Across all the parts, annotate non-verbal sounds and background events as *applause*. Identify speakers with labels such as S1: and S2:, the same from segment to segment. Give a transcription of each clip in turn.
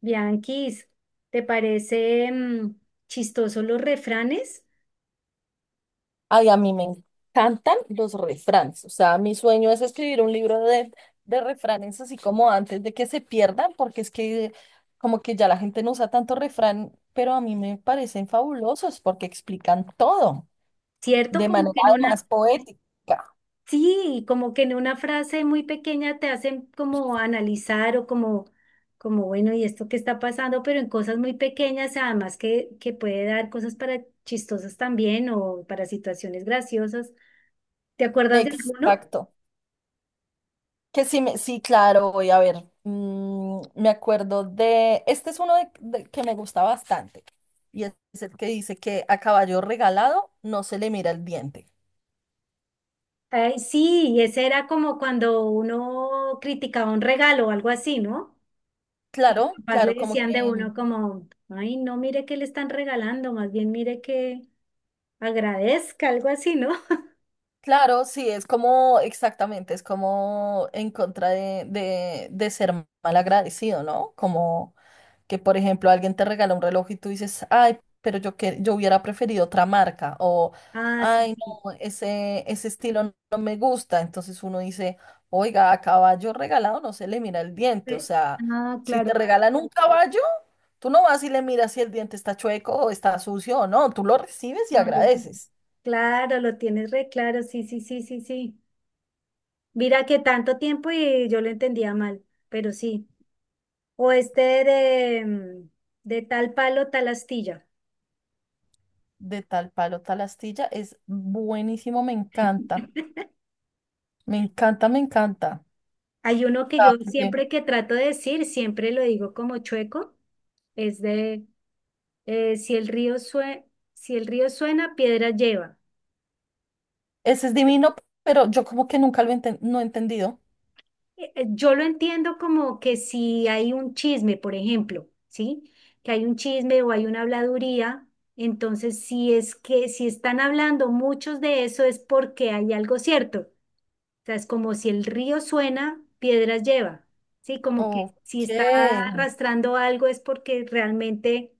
S1: Bianquis, ¿te parece chistoso los refranes?
S2: Ay, a mí me encantan los refranes. O sea, mi sueño es escribir un libro de refranes, así como antes de que se pierdan, porque es que como que ya la gente no usa tanto refrán, pero a mí me parecen fabulosos porque explican todo
S1: ¿Cierto?
S2: de
S1: Como
S2: manera
S1: que en
S2: más
S1: una,
S2: poética.
S1: sí, como que en una frase muy pequeña te hacen como analizar o como, como bueno, ¿y esto qué está pasando? Pero en cosas muy pequeñas, además que puede dar cosas para chistosas también o para situaciones graciosas. ¿Te acuerdas de alguno?
S2: Exacto. Que sí, sí, claro, voy a ver. Me acuerdo de, este es uno que me gusta bastante, y es el que dice que a caballo regalado no se le mira el diente.
S1: Ay, sí, y ese era como cuando uno criticaba un regalo o algo así, ¿no? Que los
S2: Claro,
S1: papás le
S2: claro, como que,
S1: decían de uno como, ay, no mire que le están regalando, más bien mire que agradezca, algo así, ¿no? *laughs*
S2: claro, sí, es como, exactamente, es como en contra de ser mal agradecido, ¿no? Como que, por ejemplo, alguien te regala un reloj y tú dices, ay, pero yo, que, yo hubiera preferido otra marca, o,
S1: Ah, sí,
S2: ay,
S1: sí.
S2: no, ese estilo no me gusta. Entonces uno dice, oiga, a caballo regalado no se le mira el diente, o
S1: Re-
S2: sea,
S1: Ah,
S2: si
S1: claro,
S2: te
S1: claro,
S2: regalan un caballo, tú no vas y le miras si el diente está chueco o está sucio o no, tú lo recibes y
S1: lo recibo.
S2: agradeces.
S1: Claro, lo tienes re claro, sí, sí, sí, sí, sí. Mira que tanto tiempo y yo lo entendía mal, pero sí. O este de, de tal palo, tal astilla.
S2: De tal palo, tal astilla, es buenísimo, me encanta, me encanta, me encanta.
S1: Hay uno que
S2: Ah,
S1: yo
S2: porque
S1: siempre que trato de decir, siempre lo digo como chueco, es de eh, si el río sue- si el río suena, piedras lleva.
S2: ese es
S1: Entonces,
S2: divino, pero yo como que nunca no he entendido.
S1: Yo lo entiendo como que si hay un chisme, por ejemplo, ¿sí? Que hay un chisme o hay una habladuría, entonces si es que si están hablando muchos de eso es porque hay algo cierto. Sea, es como si el río suena, piedras lleva, ¿sí? Como que si
S2: Ok,
S1: está arrastrando algo es porque realmente,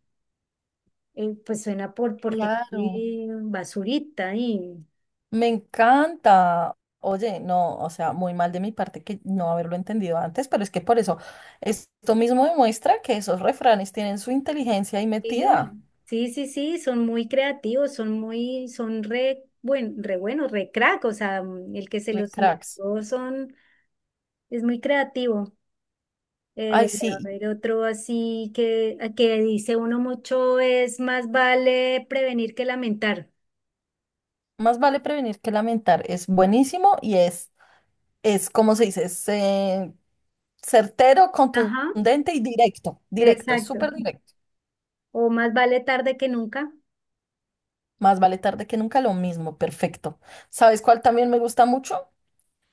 S1: pues suena porque
S2: claro,
S1: tiene basurita y,
S2: me encanta. Oye, no, o sea, muy mal de mi parte que no haberlo entendido antes, pero es que por eso esto mismo demuestra que esos refranes tienen su inteligencia ahí metida,
S1: sí, sí, sí, sí, son muy creativos, son muy, son re, buen, re buenos, re crack, o sea, el que se
S2: re
S1: los
S2: cracks.
S1: inventó son, es muy creativo.
S2: Ay,
S1: A
S2: sí,
S1: ver, otro así que dice uno mucho es más vale prevenir que lamentar.
S2: más vale prevenir que lamentar, es buenísimo y es como se dice, es certero,
S1: Ajá,
S2: contundente y directo, directo, es
S1: exacto.
S2: súper directo.
S1: O más vale tarde que nunca.
S2: Más vale tarde que nunca, lo mismo, perfecto. ¿Sabes cuál también me gusta mucho?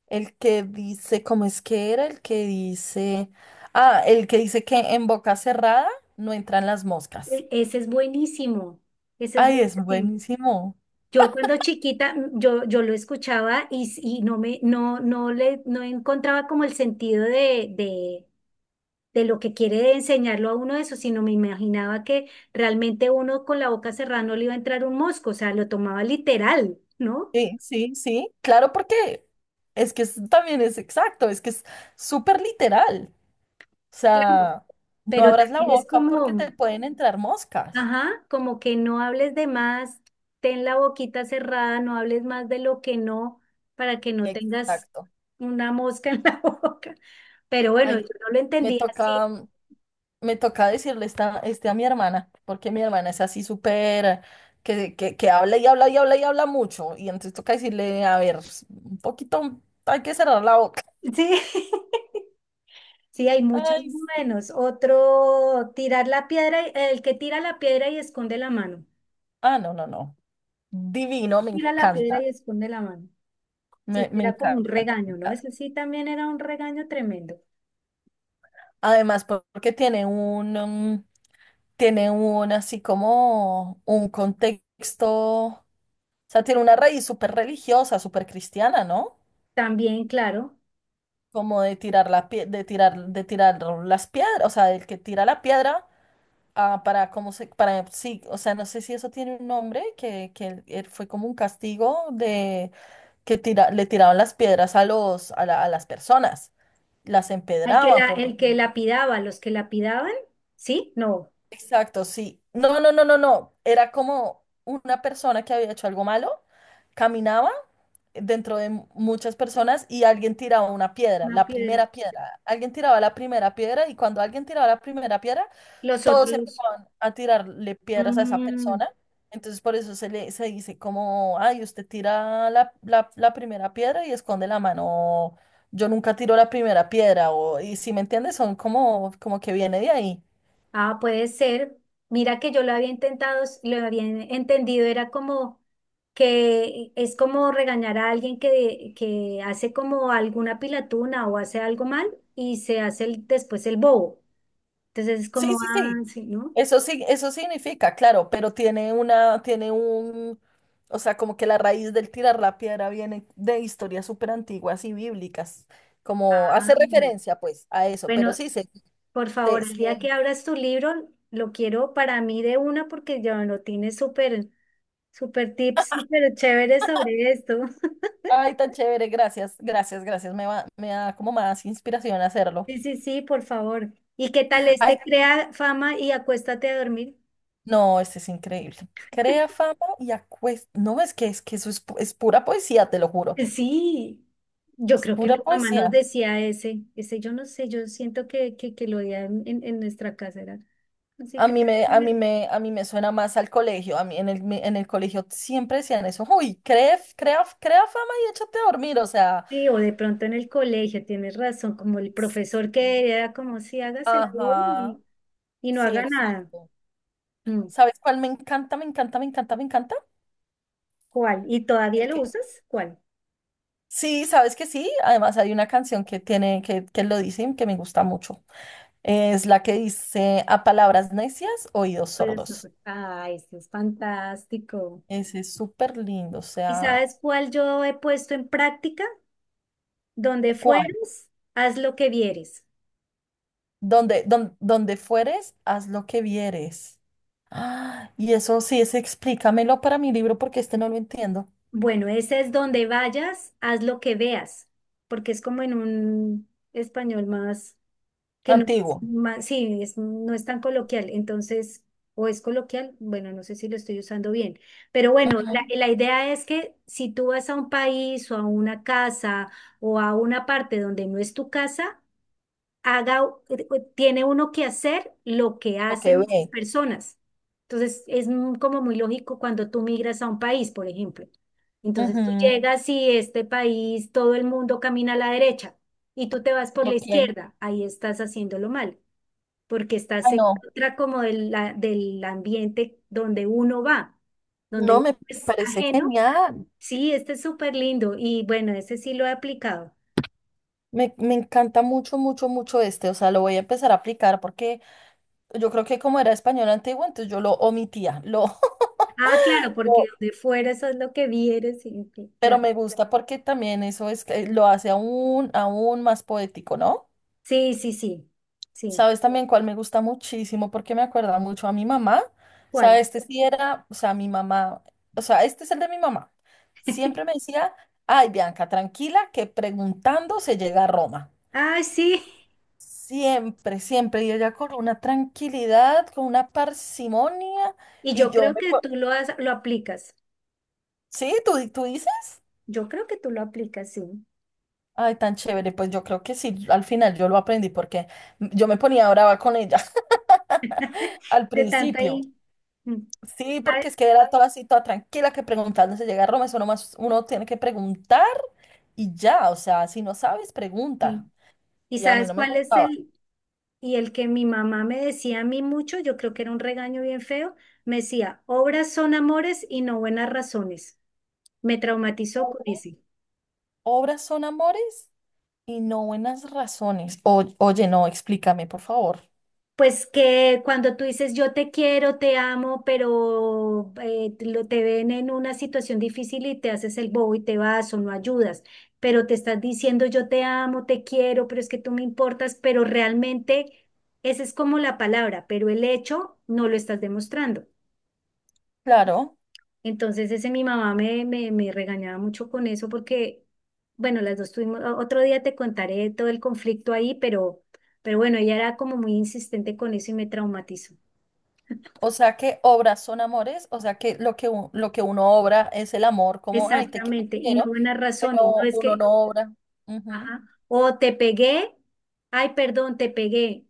S2: El que dice, ¿cómo es que era? El que dice, ah, el que dice que en boca cerrada no entran las moscas.
S1: Ese es buenísimo, ese es
S2: Ay, es
S1: buenísimo.
S2: buenísimo.
S1: Yo cuando chiquita, yo lo escuchaba y, y no me, no, no le, no encontraba como el sentido de lo que quiere enseñarlo a uno eso, sino me imaginaba que realmente uno con la boca cerrada no le iba a entrar un mosco, o sea, lo tomaba literal, ¿no?
S2: Sí, sí, sí, claro, porque también es exacto, es que es súper literal. O
S1: Claro,
S2: sea, no
S1: pero
S2: abras la
S1: también es
S2: boca porque
S1: como,
S2: te pueden entrar moscas.
S1: ajá, como que no hables de más, ten la boquita cerrada, no hables más de lo que no, para que no tengas
S2: Exacto.
S1: una mosca en la *laughs* boca. Pero bueno, yo
S2: Ay,
S1: no lo
S2: me
S1: entendí así.
S2: toca, me toca decirle esta, este a mi hermana, porque mi hermana es así súper, que habla y habla y habla y habla mucho. Y entonces toca decirle, a ver, un poquito, hay que cerrar la boca.
S1: Sí, *laughs* sí, hay muchos
S2: Ay, sí.
S1: buenos. Otro, tirar la piedra, el que tira la piedra y esconde la mano.
S2: Ah, no, no, no. Divino, me
S1: Tira la piedra
S2: encanta.
S1: y esconde la mano. Sí, sí,
S2: Me
S1: era como un
S2: encanta.
S1: regaño, ¿no? Ese sí también era un regaño tremendo.
S2: Además, porque tiene un, tiene un así como un contexto, o sea, tiene una raíz súper religiosa, súper cristiana, ¿no?
S1: También, claro,
S2: Como de de tirar las piedras, o sea, el que tira la piedra, ah, para cómo se, para sí, o sea, no sé si eso tiene un nombre, que él fue como un castigo de que tira, le tiraban las piedras a los, a las personas, las
S1: al que
S2: empedraban,
S1: la,
S2: por
S1: el que
S2: decirlo.
S1: lapidaba, los que lapidaban, ¿sí? No.
S2: Exacto, sí. No, no, no, no, no. Era como una persona que había hecho algo malo, caminaba dentro de muchas personas y alguien tiraba una piedra,
S1: Una
S2: la
S1: piedra.
S2: primera piedra. Alguien tiraba la primera piedra y cuando alguien tiraba la primera piedra,
S1: Los
S2: todos
S1: otros.
S2: empezaban a tirarle piedras a esa
S1: mm,
S2: persona. Entonces por eso se le se dice como, ay, usted tira la primera piedra y esconde la mano. O, yo nunca tiro la primera piedra, o, y si me entiendes, son como, como que viene de ahí.
S1: ah, puede ser. Mira que yo lo había intentado, lo había entendido, era como que es como regañar a alguien que hace como alguna pilatuna o hace algo mal y se hace después el bobo. Entonces es
S2: Sí,
S1: como,
S2: sí,
S1: ah,
S2: sí.
S1: sí, ¿no?
S2: Eso sí, eso significa, claro, pero tiene una, tiene un, o sea, como que la raíz del tirar la piedra viene de historias súper antiguas y bíblicas, como hace
S1: Ah,
S2: referencia pues a eso, pero
S1: bueno,
S2: sí,
S1: por favor,
S2: se,
S1: el día
S2: se-
S1: que abras tu libro, lo quiero para mí de una porque ya lo tienes súper, súper tips, súper chévere sobre esto.
S2: ay, tan chévere, gracias, gracias, gracias, me va, me da como más inspiración a hacerlo.
S1: Sí, sí, sí, por favor. ¿Y qué tal
S2: Ay,
S1: este crea fama y acuéstate a dormir?
S2: no, este es increíble. Crea fama y acuesta, no, es que eso es, es pura poesía, te lo juro,
S1: Sí, yo
S2: es
S1: creo que mi
S2: pura
S1: mamá nos
S2: poesía.
S1: decía ese, ese yo no sé, yo siento que lo oía en, en nuestra casa, era así,
S2: A mí
S1: creo
S2: me,
S1: que
S2: a mí me, a mí me suena más al colegio. A mí en en el colegio siempre decían eso. Uy, crea, crea, crea fama y échate a dormir. O sea,
S1: sí, o de pronto en el colegio, tienes razón, como el
S2: sí.
S1: profesor que era como si hagas el bobo
S2: Ajá.
S1: y no
S2: Sí,
S1: haga nada.
S2: exacto.
S1: Mm,
S2: ¿Sabes cuál me encanta, me encanta, me encanta, me encanta?
S1: ¿Cuál? ¿Y todavía
S2: ¿El
S1: lo
S2: qué?
S1: usas? ¿Cuál?
S2: Sí, sabes que sí. Además hay una canción que tiene, que lo dicen, que me gusta mucho. Es la que dice a palabras necias, oídos
S1: Pues,
S2: sordos.
S1: ay, esto es fantástico.
S2: Ese es súper lindo. O
S1: ¿Y
S2: sea,
S1: sabes cuál yo he puesto en práctica? Donde
S2: ¿cuál?
S1: fueres, haz lo que vieres.
S2: Donde, donde fueres, haz lo que vieres. Ah, y eso sí es, explícamelo para mi libro porque este no lo entiendo.
S1: Bueno, ese es donde vayas, haz lo que veas, porque es como en un español más que no es
S2: Antiguo.
S1: más, sí, no es tan coloquial, entonces, o es coloquial, bueno, no sé si lo estoy usando bien, pero bueno,
S2: Ujú.
S1: la idea es que si tú vas a un país o a una casa o a una parte donde no es tu casa, haga, tiene uno que hacer lo que
S2: Ok,
S1: hacen esas
S2: ve.
S1: personas. Entonces, es como muy lógico cuando tú migras a un país, por ejemplo. Entonces, tú
S2: Ujú,
S1: llegas y este país, todo el mundo camina a la derecha y tú te vas por la
S2: ok.
S1: izquierda, ahí estás haciéndolo mal, porque
S2: Ah,
S1: estás en
S2: no.
S1: contra como del, del ambiente donde uno va, donde
S2: No,
S1: uno
S2: me
S1: es
S2: parece
S1: ajeno.
S2: genial.
S1: Sí, este es súper lindo y bueno, ese sí lo he aplicado.
S2: Me encanta mucho, mucho, mucho este. O sea, lo voy a empezar a aplicar porque yo creo que como era español antiguo, entonces yo lo omitía. Lo, *laughs*
S1: Ah, claro, porque
S2: lo-
S1: donde fueras es lo que vieres, y
S2: pero
S1: claro.
S2: me gusta porque también eso es, que lo hace aún, aún más poético, ¿no?
S1: Sí, sí, sí, sí.
S2: ¿Sabes también cuál me gusta muchísimo? Porque me acuerda mucho a mi mamá. O
S1: ¿Cuál?
S2: sea, este sí era, o sea, mi mamá, o sea, este es el de mi mamá. Siempre me decía, ay, Bianca, tranquila, que preguntando se llega a Roma.
S1: Ah, sí.
S2: Siempre, siempre. Y ella con una tranquilidad, con una parsimonia.
S1: Y
S2: Y
S1: yo
S2: yo
S1: creo
S2: me...
S1: que tú lo aplicas.
S2: ¿Sí? ¿Tú, tú dices?
S1: Yo creo que tú lo aplicas, sí.
S2: Ay, tan chévere. Pues yo creo que sí, al final yo lo aprendí porque yo me ponía brava con ella
S1: *laughs*
S2: *laughs* al
S1: De tanto
S2: principio.
S1: ahí. mm,
S2: Sí, porque
S1: ¿Sabes?
S2: es que era toda así, toda tranquila, que preguntando se llega a Roma, eso nomás uno tiene que preguntar y ya, o sea, si no sabes,
S1: Sí.
S2: pregunta.
S1: ¿Y
S2: Y a mí
S1: sabes
S2: no me
S1: cuál es
S2: gustaba.
S1: el? Y el que mi mamá me decía a mí mucho, yo creo que era un regaño bien feo, me decía, obras son amores y no buenas razones. Me traumatizó con ese.
S2: Obras son amores y no buenas razones. Oye, no, explícame, por favor.
S1: Pues que cuando tú dices yo te quiero, te amo, pero te ven en una situación difícil y te haces el bobo y te vas o no ayudas, pero te estás diciendo yo te amo, te quiero, pero es que tú me importas, pero realmente esa es como la palabra, pero el hecho no lo estás demostrando.
S2: Claro,
S1: Entonces ese mi mamá me regañaba mucho con eso porque, bueno, las dos tuvimos, otro día te contaré todo el conflicto ahí, pero bueno, ella era como muy insistente con eso y me traumatizó.
S2: o sea que obras son amores, o sea que lo que, lo que uno obra es el amor, como, ay, te
S1: Exactamente, y no
S2: quiero,
S1: buenas razones, no
S2: pero
S1: es
S2: uno
S1: que.
S2: no obra. Ujú,
S1: Ajá, o te pegué, ay, perdón, te pegué,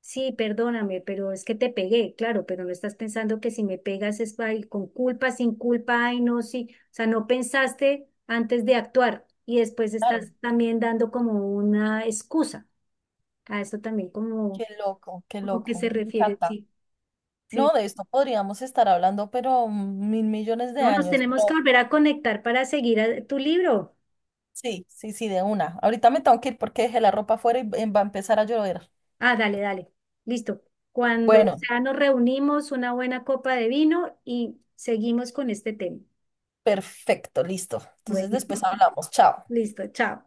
S1: sí, perdóname, pero es que te pegué, claro, pero no estás pensando que si me pegas es ay, con culpa, sin culpa, ay, no, sí, o sea, no pensaste antes de actuar y después
S2: claro,
S1: estás también dando como una excusa, a eso también como,
S2: qué
S1: como que
S2: loco,
S1: se
S2: me
S1: refiere,
S2: encanta.
S1: sí,
S2: No,
S1: sí,
S2: de esto podríamos estar hablando, pero mil millones de
S1: no, nos
S2: años,
S1: tenemos que
S2: pero
S1: volver a conectar para seguir tu libro.
S2: sí, sí, sí, de una. Ahorita me tengo que ir porque dejé la ropa afuera y va a empezar a llover.
S1: Ah, dale, dale. Listo. Cuando
S2: Bueno,
S1: ya nos reunimos, una buena copa de vino y seguimos con este tema.
S2: perfecto, listo.
S1: Bueno,
S2: Entonces después
S1: *laughs*
S2: hablamos. Chao.
S1: listo, chao.